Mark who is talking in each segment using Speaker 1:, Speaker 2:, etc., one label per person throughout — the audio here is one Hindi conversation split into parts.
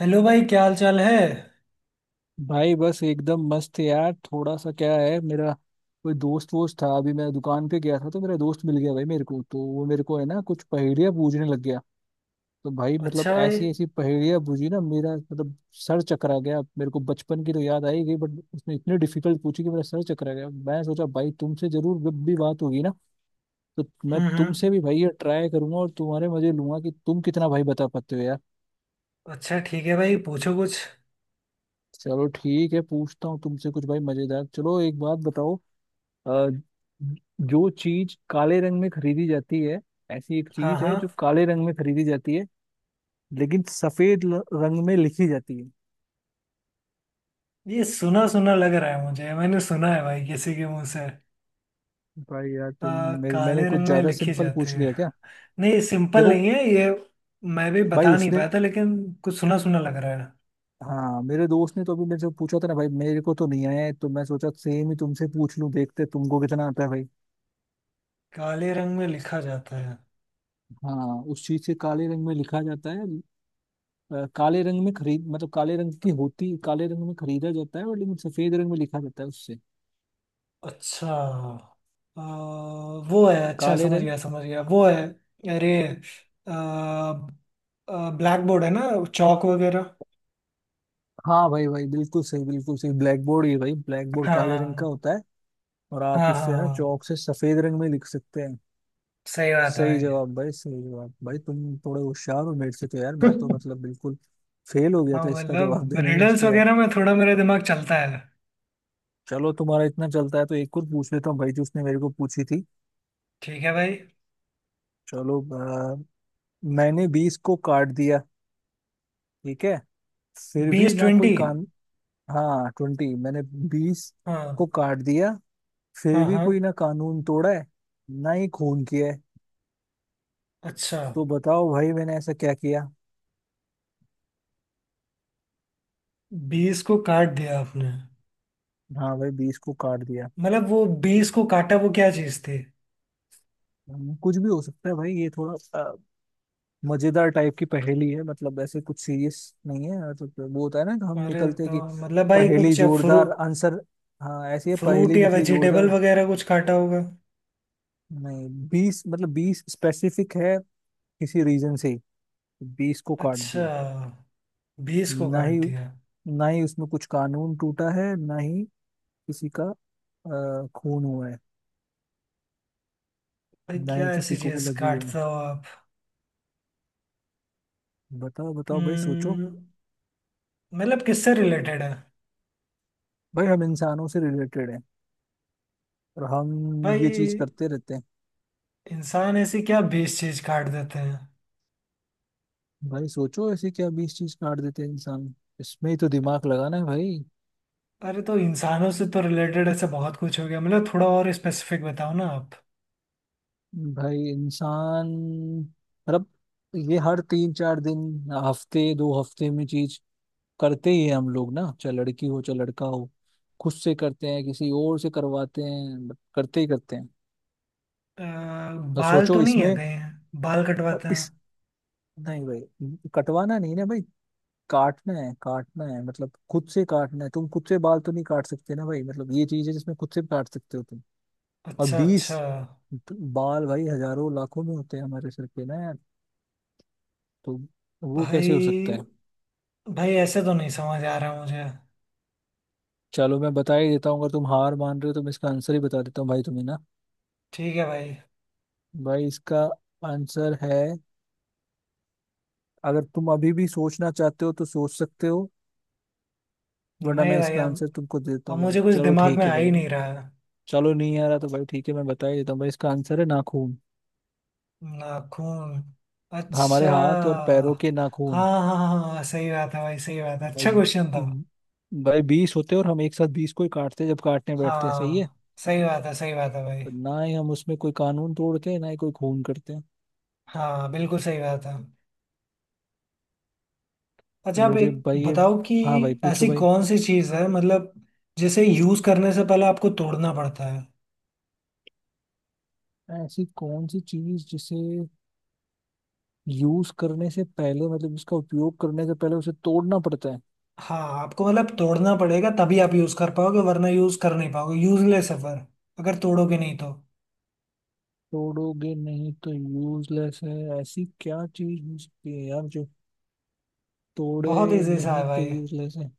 Speaker 1: हेलो भाई क्या हाल चाल है।
Speaker 2: भाई, बस एकदम मस्त है यार। थोड़ा सा क्या है, मेरा कोई दोस्त वोस्त था। अभी मैं दुकान पे गया था तो मेरा दोस्त मिल गया भाई। मेरे को तो वो मेरे को है ना कुछ पहेलियां पूछने लग गया। तो भाई मतलब
Speaker 1: अच्छा भाई।
Speaker 2: ऐसी ऐसी पहेलियां पूछी ना मेरा मतलब सर चकरा गया मेरे को। बचपन की तो याद आई गई बट उसने इतनी डिफिकल्ट पूछी कि मेरा सर चकरा गया। मैं सोचा, भाई तुमसे जरूर जब भी बात होगी ना तो मैं तुमसे
Speaker 1: हम्म।
Speaker 2: भी भाई ये ट्राई करूंगा और तुम्हारे मजे लूंगा कि तुम कितना भाई बता पाते हो यार।
Speaker 1: अच्छा ठीक है भाई पूछो कुछ।
Speaker 2: चलो ठीक है, पूछता हूँ तुमसे कुछ भाई मजेदार। चलो, एक बात बताओ। अ, जो चीज काले रंग में खरीदी जाती है, ऐसी एक
Speaker 1: हाँ
Speaker 2: चीज है
Speaker 1: हाँ।
Speaker 2: जो काले रंग में खरीदी जाती है, लेकिन सफेद रंग में लिखी जाती है।
Speaker 1: ये सुना सुना लग रहा है मुझे मैंने सुना है भाई किसी के मुंह से।
Speaker 2: भाई यार तुम।
Speaker 1: काले
Speaker 2: मैंने कुछ
Speaker 1: रंग में
Speaker 2: ज्यादा
Speaker 1: लिखी
Speaker 2: सिंपल
Speaker 1: जाती
Speaker 2: पूछ
Speaker 1: है।
Speaker 2: लिया क्या?
Speaker 1: नहीं सिंपल
Speaker 2: देखो,
Speaker 1: नहीं है ये। मैं भी
Speaker 2: भाई
Speaker 1: बता नहीं
Speaker 2: उसने।
Speaker 1: पाया था लेकिन कुछ सुना सुना लग रहा है।
Speaker 2: हाँ, मेरे दोस्त ने तो अभी मेरे से पूछा था ना भाई। मेरे को तो नहीं आया है तो मैं सोचा सेम ही तुमसे पूछ लूं, देखते तुमको कितना आता है भाई।
Speaker 1: काले रंग में लिखा जाता है।
Speaker 2: हाँ, उस चीज से काले रंग में लिखा जाता है। काले रंग में खरीद मतलब काले रंग की होती, काले रंग में खरीदा जाता है, और लेकिन सफेद रंग में लिखा जाता है उससे।
Speaker 1: अच्छा। आ, वो है अच्छा
Speaker 2: काले रंग।
Speaker 1: समझ गया वो है। अरे। ब्लैक बोर्ड है ना। चौक वगैरह।
Speaker 2: हाँ भाई भाई, बिल्कुल सही बिल्कुल सही, ब्लैक बोर्ड। ये भाई, ब्लैक बोर्ड काले रंग का
Speaker 1: हाँ
Speaker 2: होता है और आप
Speaker 1: हाँ हाँ
Speaker 2: उससे ना,
Speaker 1: हाँ,
Speaker 2: चौक से, सफेद रंग में लिख सकते हैं।
Speaker 1: सही बात है
Speaker 2: सही
Speaker 1: भाई।
Speaker 2: जवाब भाई, सही जवाब भाई। तुम थोड़े होशियार हो मेरे से, तो यार मैं तो मतलब बिल्कुल फेल हो गया
Speaker 1: हाँ
Speaker 2: था इसका जवाब
Speaker 1: मतलब
Speaker 2: देने में
Speaker 1: रिडल्स
Speaker 2: उसको यार।
Speaker 1: वगैरह में थोड़ा मेरा दिमाग चलता है।
Speaker 2: चलो, तुम्हारा इतना चलता है तो एक और पूछ लेता हूँ भाई जो उसने मेरे को पूछी थी।
Speaker 1: ठीक है भाई।
Speaker 2: चलो। अ, मैंने 20 को काट दिया, ठीक है, फिर भी
Speaker 1: 20
Speaker 2: ना कोई
Speaker 1: 20।
Speaker 2: कान। हाँ 20, मैंने 20
Speaker 1: हाँ
Speaker 2: को काट दिया, फिर
Speaker 1: हाँ
Speaker 2: भी
Speaker 1: हाँ।
Speaker 2: कोई ना कानून तोड़ा है, ना ही खून किया है।
Speaker 1: अच्छा।
Speaker 2: तो बताओ भाई, मैंने ऐसा क्या किया?
Speaker 1: 20 को काट दिया आपने।
Speaker 2: हाँ भाई, 20 को काट दिया।
Speaker 1: मतलब वो 20 को काटा वो क्या चीज थी।
Speaker 2: कुछ भी हो सकता है भाई, ये थोड़ा अ, मजेदार टाइप की पहेली है। मतलब ऐसे कुछ सीरियस नहीं है। तो वो होता है ना कि हम
Speaker 1: अरे
Speaker 2: निकलते हैं
Speaker 1: तो
Speaker 2: कि
Speaker 1: मतलब भाई
Speaker 2: पहेली
Speaker 1: कुछ
Speaker 2: जोरदार आंसर। हाँ, ऐसी है
Speaker 1: फ्रूट
Speaker 2: पहेली
Speaker 1: या
Speaker 2: निकली
Speaker 1: वेजिटेबल
Speaker 2: जोरदार।
Speaker 1: वगैरह कुछ काटा होगा।
Speaker 2: नहीं, 20 मतलब 20 स्पेसिफिक है किसी रीजन से ही। 20 को काट
Speaker 1: अच्छा।
Speaker 2: दिया।
Speaker 1: बीस को
Speaker 2: ना
Speaker 1: काट
Speaker 2: ही
Speaker 1: दिया।
Speaker 2: ना ही उसमें कुछ कानून टूटा है, ना ही किसी का खून हुआ है,
Speaker 1: भाई
Speaker 2: ना
Speaker 1: क्या
Speaker 2: ही
Speaker 1: ऐसी
Speaker 2: किसी को
Speaker 1: चीज
Speaker 2: लगी है।
Speaker 1: काटते हो आप।
Speaker 2: बताओ बताओ भाई, सोचो।
Speaker 1: हम्म, मतलब किससे रिलेटेड है।
Speaker 2: भाई हम इंसानों से रिलेटेड हैं और हम ये चीज
Speaker 1: भाई
Speaker 2: करते रहते हैं।
Speaker 1: इंसान ऐसी क्या बेस चीज काट देते हैं।
Speaker 2: भाई सोचो, ऐसे क्या 20 चीज काट देते हैं इंसान? इसमें ही तो दिमाग लगाना है भाई।
Speaker 1: अरे तो इंसानों से तो रिलेटेड ऐसा बहुत कुछ हो गया मतलब थोड़ा और स्पेसिफिक बताओ ना आप।
Speaker 2: भाई इंसान मतलब ये हर तीन चार दिन, हफ्ते दो हफ्ते में चीज करते ही है हम लोग ना। चाहे लड़की हो चाहे लड़का हो, खुद से करते हैं, किसी और से करवाते हैं, but करते ही करते हैं।
Speaker 1: अ,
Speaker 2: तो
Speaker 1: बाल तो
Speaker 2: सोचो
Speaker 1: नहीं है
Speaker 2: इसमें।
Speaker 1: कहीं बाल
Speaker 2: और
Speaker 1: कटवाते
Speaker 2: इस।
Speaker 1: हैं।
Speaker 2: नहीं भाई, कटवाना नहीं ना भाई, काटना है, काटना है। मतलब खुद से काटना है, तुम खुद से बाल तो नहीं काट सकते ना भाई। मतलब ये चीज है जिसमें खुद से भी काट सकते हो तुम। और
Speaker 1: अच्छा
Speaker 2: 20।
Speaker 1: अच्छा।
Speaker 2: तो बाल भाई हजारों लाखों में होते हैं हमारे सर पे ना यार। तो वो कैसे हो सकता
Speaker 1: भाई
Speaker 2: है?
Speaker 1: भाई ऐसे तो नहीं समझ आ रहा मुझे।
Speaker 2: चलो मैं बता ही देता हूँ, अगर तुम हार मान रहे हो तो मैं इसका आंसर ही बता देता हूँ भाई तुम्हें ना।
Speaker 1: ठीक है भाई।
Speaker 2: भाई इसका आंसर है। अगर तुम अभी भी सोचना चाहते हो तो सोच सकते हो, वरना
Speaker 1: नहीं
Speaker 2: मैं
Speaker 1: भाई
Speaker 2: इसका आंसर तुमको दे देता
Speaker 1: अब
Speaker 2: हूँ भाई।
Speaker 1: मुझे कुछ
Speaker 2: चलो
Speaker 1: दिमाग
Speaker 2: ठीक
Speaker 1: में
Speaker 2: है
Speaker 1: आ
Speaker 2: भाई।
Speaker 1: ही नहीं रहा है।
Speaker 2: चलो, नहीं आ रहा तो भाई ठीक है, मैं बता ही देता हूँ भाई। इसका आंसर है नाखून।
Speaker 1: नाखून।
Speaker 2: हमारे
Speaker 1: अच्छा।
Speaker 2: हाथ और पैरों के नाखून।
Speaker 1: हाँ हाँ हाँ हाँ, सही बात है भाई सही बात है
Speaker 2: भाई
Speaker 1: अच्छा क्वेश्चन था।
Speaker 2: भाई 20 होते हैं और हम एक साथ 20 को ही काटते हैं जब काटने बैठते हैं। सही है।
Speaker 1: हाँ। सही बात है भाई।
Speaker 2: पर ना ही हम उसमें कोई कानून तोड़ते हैं, ना ही कोई खून करते हैं।
Speaker 1: हाँ बिल्कुल सही बात है।
Speaker 2: तो
Speaker 1: अच्छा आप
Speaker 2: मुझे
Speaker 1: एक
Speaker 2: भाई ये।
Speaker 1: बताओ कि
Speaker 2: हाँ भाई, पूछो
Speaker 1: ऐसी
Speaker 2: भाई।
Speaker 1: कौन सी चीज़ है मतलब जिसे यूज़ करने से पहले आपको तोड़ना पड़ता है।
Speaker 2: ऐसी कौन सी चीज जिसे यूज करने से पहले, मतलब इसका उपयोग करने से पहले, उसे तोड़ना पड़ता है?
Speaker 1: हाँ आपको मतलब तोड़ना पड़ेगा तभी आप यूज़ कर पाओगे वरना यूज़ कर नहीं पाओगे यूजलेस है फिर अगर तोड़ोगे नहीं तो।
Speaker 2: तोड़ोगे नहीं तो यूजलेस है, ऐसी क्या चीज हो सकती है यार जो
Speaker 1: बहुत
Speaker 2: तोड़े
Speaker 1: ईजी सा
Speaker 2: नहीं
Speaker 1: है
Speaker 2: तो
Speaker 1: भाई।
Speaker 2: यूजलेस है?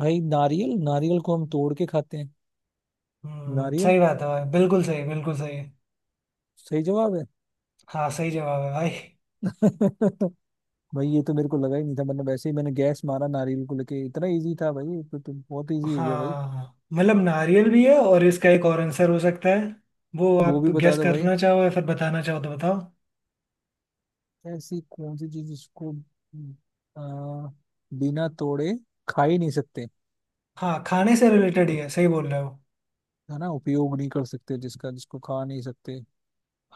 Speaker 2: भाई नारियल, नारियल को हम तोड़ के खाते हैं। नारियल
Speaker 1: सही बात है भाई बिल्कुल सही बिल्कुल सही।
Speaker 2: सही जवाब है।
Speaker 1: हाँ सही जवाब है भाई।
Speaker 2: भाई ये तो मेरे को लगा ही नहीं था मतलब, वैसे ही मैंने गैस मारा नारियल को लेके। इतना इजी था भाई, ये तो बहुत इजी हो गया भाई।
Speaker 1: हाँ मतलब नारियल भी है और इसका एक और आंसर हो सकता है वो
Speaker 2: वो
Speaker 1: आप
Speaker 2: भी बता
Speaker 1: गेस
Speaker 2: दो भाई।
Speaker 1: करना चाहो या फिर बताना चाहो तो बताओ।
Speaker 2: ऐसी कौन सी चीज जिसको आ, बिना तोड़े खा ही नहीं सकते?
Speaker 1: हाँ खाने से रिलेटेड ही है
Speaker 2: उप-
Speaker 1: सही बोल रहे हो।
Speaker 2: है ना, उपयोग नहीं कर सकते जिसका, जिसको खा नहीं सकते।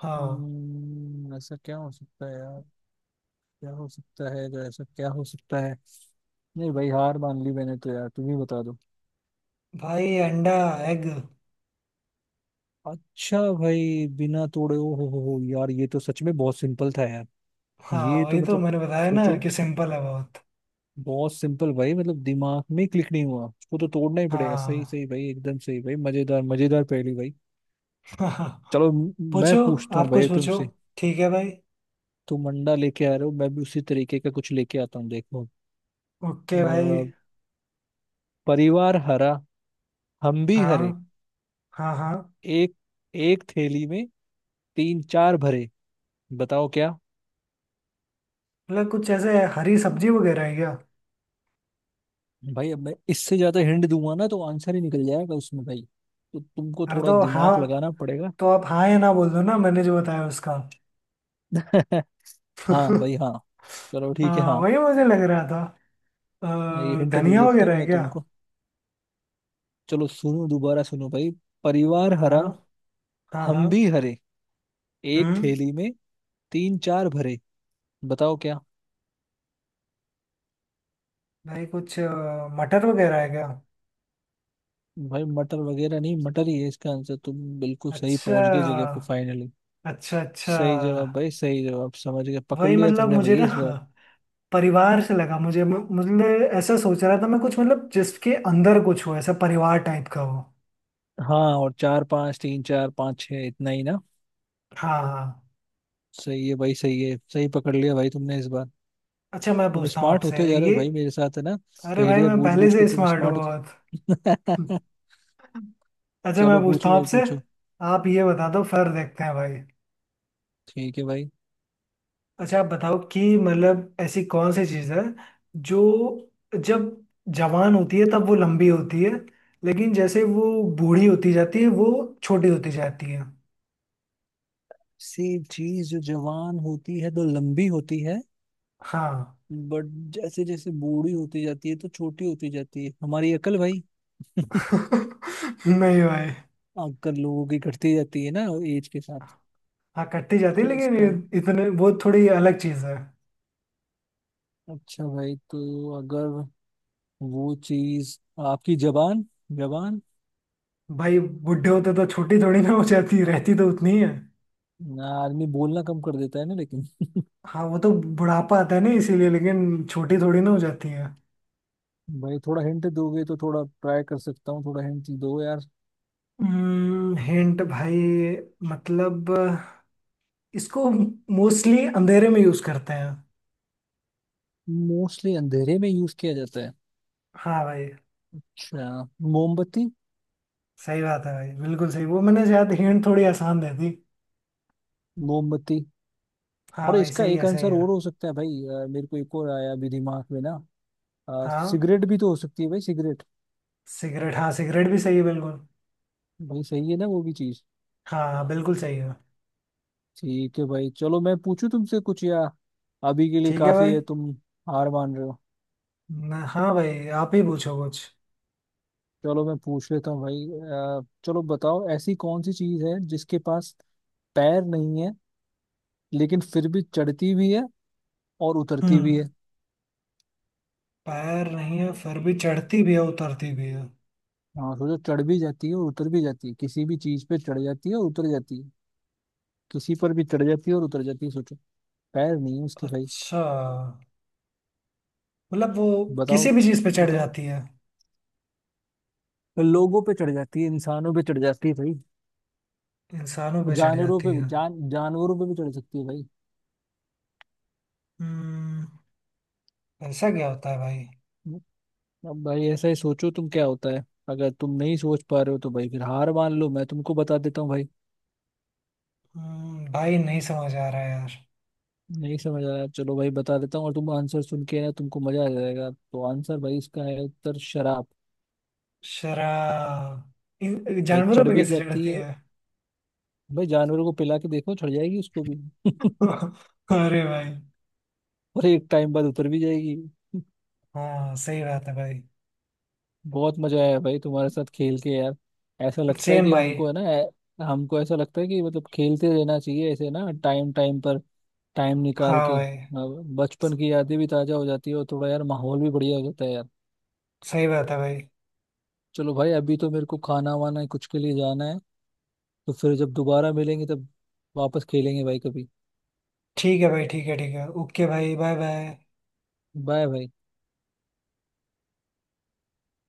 Speaker 1: हाँ।
Speaker 2: ऐसा क्या हो सकता है यार? क्या हो सकता है जो? ऐसा क्या हो सकता है? नहीं भाई, हार मान ली मैंने तो यार, तुम ही बता दो।
Speaker 1: भाई अंडा एग।
Speaker 2: अच्छा भाई, बिना तोड़े। ओ हो यार, ये तो सच में बहुत सिंपल था यार।
Speaker 1: हाँ
Speaker 2: ये तो
Speaker 1: वही तो
Speaker 2: मतलब।
Speaker 1: मैंने बताया ना
Speaker 2: सोचो,
Speaker 1: कि सिंपल है बहुत।
Speaker 2: बहुत सिंपल भाई, मतलब दिमाग में क्लिक नहीं हुआ, उसको तो तोड़ना ही पड़ेगा। सही सही
Speaker 1: हाँ।
Speaker 2: भाई, एकदम सही भाई। मजेदार मजेदार पहेली भाई।
Speaker 1: हाँ।
Speaker 2: चलो मैं
Speaker 1: पूछो।
Speaker 2: पूछता हूँ
Speaker 1: आप कुछ
Speaker 2: भाई
Speaker 1: पूछो।
Speaker 2: तुमसे।
Speaker 1: ठीक है भाई।
Speaker 2: तुम अंडा लेके आ रहे हो, मैं भी उसी तरीके का कुछ लेके आता हूँ, देखो। अ,
Speaker 1: ओके भाई।
Speaker 2: परिवार हरा, हम भी हरे,
Speaker 1: हाँ हाँ हाँ।
Speaker 2: एक एक थैली में तीन चार भरे, बताओ क्या?
Speaker 1: मतलब कुछ ऐसे हरी सब्जी वगैरह है क्या।
Speaker 2: भाई अब मैं इससे ज्यादा हिंट दूंगा ना तो आंसर ही निकल जाएगा उसमें भाई। तो तुमको
Speaker 1: अरे
Speaker 2: थोड़ा
Speaker 1: तो हाँ।
Speaker 2: दिमाग लगाना पड़ेगा।
Speaker 1: तो आप हाँ या ना बोल दो ना मैंने जो बताया उसका।
Speaker 2: हाँ भाई हाँ। चलो ठीक है
Speaker 1: हाँ
Speaker 2: हाँ।
Speaker 1: वही मुझे लग रहा था।
Speaker 2: मैं ये हिंट दे
Speaker 1: धनिया
Speaker 2: देता
Speaker 1: वगैरह
Speaker 2: हूँ
Speaker 1: है
Speaker 2: मैं
Speaker 1: क्या।
Speaker 2: तुमको। चलो सुनो, दोबारा सुनो भाई। परिवार
Speaker 1: हाँ
Speaker 2: हरा,
Speaker 1: हाँ हाँ।
Speaker 2: हम भी हरे, एक
Speaker 1: हम्म।
Speaker 2: थैली में तीन चार भरे, बताओ क्या?
Speaker 1: भाई कुछ मटर वगैरह है क्या।
Speaker 2: भाई मटर वगैरह नहीं, मटर ही है इसका आंसर। तुम बिल्कुल सही
Speaker 1: अच्छा।
Speaker 2: पहुंच गए जगह पे फाइनली।
Speaker 1: अच्छा अच्छा।
Speaker 2: सही जवाब भाई, सही जवाब। समझ गए, पकड़
Speaker 1: वही
Speaker 2: लिया
Speaker 1: मतलब
Speaker 2: तुमने
Speaker 1: मुझे
Speaker 2: भैया
Speaker 1: ना
Speaker 2: इस बार।
Speaker 1: परिवार से लगा मुझे मुझे ऐसा सोच रहा था मैं कुछ मतलब जिसके अंदर कुछ हो ऐसा परिवार टाइप का हो।
Speaker 2: हाँ, और चार पाँच, तीन चार पाँच छः, इतना ही ना।
Speaker 1: हाँ हाँ।
Speaker 2: सही है भाई सही है, सही पकड़ लिया भाई तुमने इस बार।
Speaker 1: अच्छा मैं
Speaker 2: तुम
Speaker 1: पूछता हूँ
Speaker 2: स्मार्ट
Speaker 1: आपसे।
Speaker 2: होते जा रहे हो
Speaker 1: ये।
Speaker 2: भाई मेरे साथ, है ना?
Speaker 1: अरे भाई
Speaker 2: पहेलियां
Speaker 1: मैं
Speaker 2: बूझ
Speaker 1: पहले
Speaker 2: बूझ के
Speaker 1: से
Speaker 2: तुम
Speaker 1: स्मार्ट हूँ
Speaker 2: स्मार्ट
Speaker 1: बहुत।
Speaker 2: हो।
Speaker 1: अच्छा मैं
Speaker 2: चलो
Speaker 1: पूछता
Speaker 2: पूछो
Speaker 1: हूँ
Speaker 2: भाई
Speaker 1: आपसे।
Speaker 2: पूछो।
Speaker 1: आप ये बता दो फिर देखते हैं भाई।
Speaker 2: ठीक है भाई।
Speaker 1: अच्छा आप बताओ कि मतलब ऐसी कौन सी चीज़ है जो जब जवान होती है तब वो लंबी होती है लेकिन जैसे वो बूढ़ी होती जाती है वो छोटी होती जाती है।
Speaker 2: सेब चीज जो जवान होती है तो लंबी होती है,
Speaker 1: हाँ।
Speaker 2: बट जैसे जैसे बूढ़ी होती जाती है तो छोटी होती जाती है हमारी अकल भाई।
Speaker 1: नहीं भाई।
Speaker 2: अक्कल लोगों की घटती जाती है ना, एज के साथ।
Speaker 1: हाँ कटती जाती है
Speaker 2: क्या
Speaker 1: लेकिन ये
Speaker 2: इसका।
Speaker 1: इतने वो थोड़ी अलग चीज है।
Speaker 2: अच्छा भाई, तो अगर वो चीज आपकी जबान, जबान।
Speaker 1: भाई बुढ़े होते तो छोटी थोड़ी ना हो जाती रहती तो उतनी ही है।
Speaker 2: आदमी बोलना कम कर देता है ना लेकिन।
Speaker 1: हाँ वो तो बुढ़ापा आता है ना इसीलिए लेकिन छोटी थोड़ी ना हो जाती है।
Speaker 2: भाई थोड़ा हिंट दोगे तो थोड़ा ट्राई कर सकता हूँ, थोड़ा हिंट दो यार।
Speaker 1: हिंट भाई मतलब इसको मोस्टली अंधेरे में यूज करते हैं।
Speaker 2: मोस्टली अंधेरे में यूज किया जाता है?
Speaker 1: हाँ भाई।
Speaker 2: अच्छा, मोमबत्ती।
Speaker 1: सही बात है भाई बिल्कुल सही वो मैंने शायद हिंट थोड़ी आसान दे दी।
Speaker 2: मोमबत्ती।
Speaker 1: हाँ
Speaker 2: और
Speaker 1: भाई
Speaker 2: इसका
Speaker 1: सही
Speaker 2: एक
Speaker 1: है सही
Speaker 2: आंसर
Speaker 1: है।
Speaker 2: और हो सकता है भाई, मेरे को एक और आया अभी दिमाग में ना।
Speaker 1: हाँ
Speaker 2: सिगरेट भी तो हो सकती है भाई, सिगरेट।
Speaker 1: हाँ सिगरेट भी सही है बिल्कुल।
Speaker 2: भाई सही है ना, वो भी चीज।
Speaker 1: हाँ हाँ, बिल्कुल सही है।
Speaker 2: ठीक है भाई, चलो मैं पूछूं तुमसे कुछ, या अभी के लिए
Speaker 1: ठीक है
Speaker 2: काफी है?
Speaker 1: भाई।
Speaker 2: तुम हार मान रहे हो?
Speaker 1: ना हाँ भाई आप ही पूछो कुछ।
Speaker 2: चलो मैं पूछ लेता हूँ भाई। चलो बताओ, ऐसी कौन सी चीज है जिसके पास पैर नहीं है, लेकिन फिर भी चढ़ती भी है और उतरती भी
Speaker 1: हम्म।
Speaker 2: है?
Speaker 1: पैर नहीं है फिर भी चढ़ती भी है उतरती भी है।
Speaker 2: हाँ सोचो, चढ़ भी जाती है और उतर भी जाती है, किसी भी चीज पे चढ़ जाती है और उतर जाती है। किसी पर भी चढ़ जाती है और उतर जाती है, सोचो। पैर नहीं है उसके भाई।
Speaker 1: अच्छा मतलब वो
Speaker 2: बताओ,
Speaker 1: किसी भी चीज पे चढ़
Speaker 2: बताओ।
Speaker 1: जाती है।
Speaker 2: लोगों पे चढ़ जाती है, इंसानों पे चढ़ जाती है भाई।
Speaker 1: इंसानों
Speaker 2: वो
Speaker 1: पे चढ़
Speaker 2: जानवरों पे
Speaker 1: जाती है।
Speaker 2: जान जानवरों पे भी चढ़ सकती है भाई।
Speaker 1: हम्म। ऐसा क्या होता है भाई।
Speaker 2: अब भाई ऐसा ही सोचो तुम, क्या होता है? अगर तुम नहीं सोच पा रहे हो तो भाई फिर हार मान लो, मैं तुमको बता देता हूँ भाई।
Speaker 1: भाई नहीं समझ आ रहा है यार।
Speaker 2: नहीं समझ आ रहा, चलो भाई बता देता हूँ और तुम आंसर सुन के ना, तुमको मजा आ जाएगा। तो आंसर भाई इसका है, उत्तर शराब।
Speaker 1: शराब।
Speaker 2: भाई
Speaker 1: जानवरों
Speaker 2: चढ़
Speaker 1: पे
Speaker 2: भी
Speaker 1: कैसे
Speaker 2: जाती
Speaker 1: चढ़ती
Speaker 2: है,
Speaker 1: है।
Speaker 2: भाई जानवरों को पिला के देखो, चढ़ जाएगी उसको भी।
Speaker 1: अरे भाई।
Speaker 2: और एक टाइम बाद उतर भी जाएगी।
Speaker 1: हाँ सही बात है भाई।
Speaker 2: बहुत मजा आया भाई तुम्हारे साथ खेल के यार। ऐसा लगता है
Speaker 1: सेम
Speaker 2: कि
Speaker 1: भाई।
Speaker 2: हमको है ना हमको ऐसा लगता है कि मतलब खेलते रहना चाहिए ऐसे ना, टाइम टाइम पर, टाइम निकाल
Speaker 1: हाँ
Speaker 2: के।
Speaker 1: भाई
Speaker 2: अब बचपन की यादें भी ताजा हो जाती है और थोड़ा यार माहौल भी बढ़िया हो जाता है यार।
Speaker 1: सही बात है भाई।
Speaker 2: चलो भाई, अभी तो मेरे को खाना वाना कुछ के लिए जाना है। तो फिर जब दोबारा मिलेंगे तब वापस खेलेंगे भाई कभी।
Speaker 1: ठीक है भाई ठीक है ओके भाई बाय बाय।
Speaker 2: बाय भाई।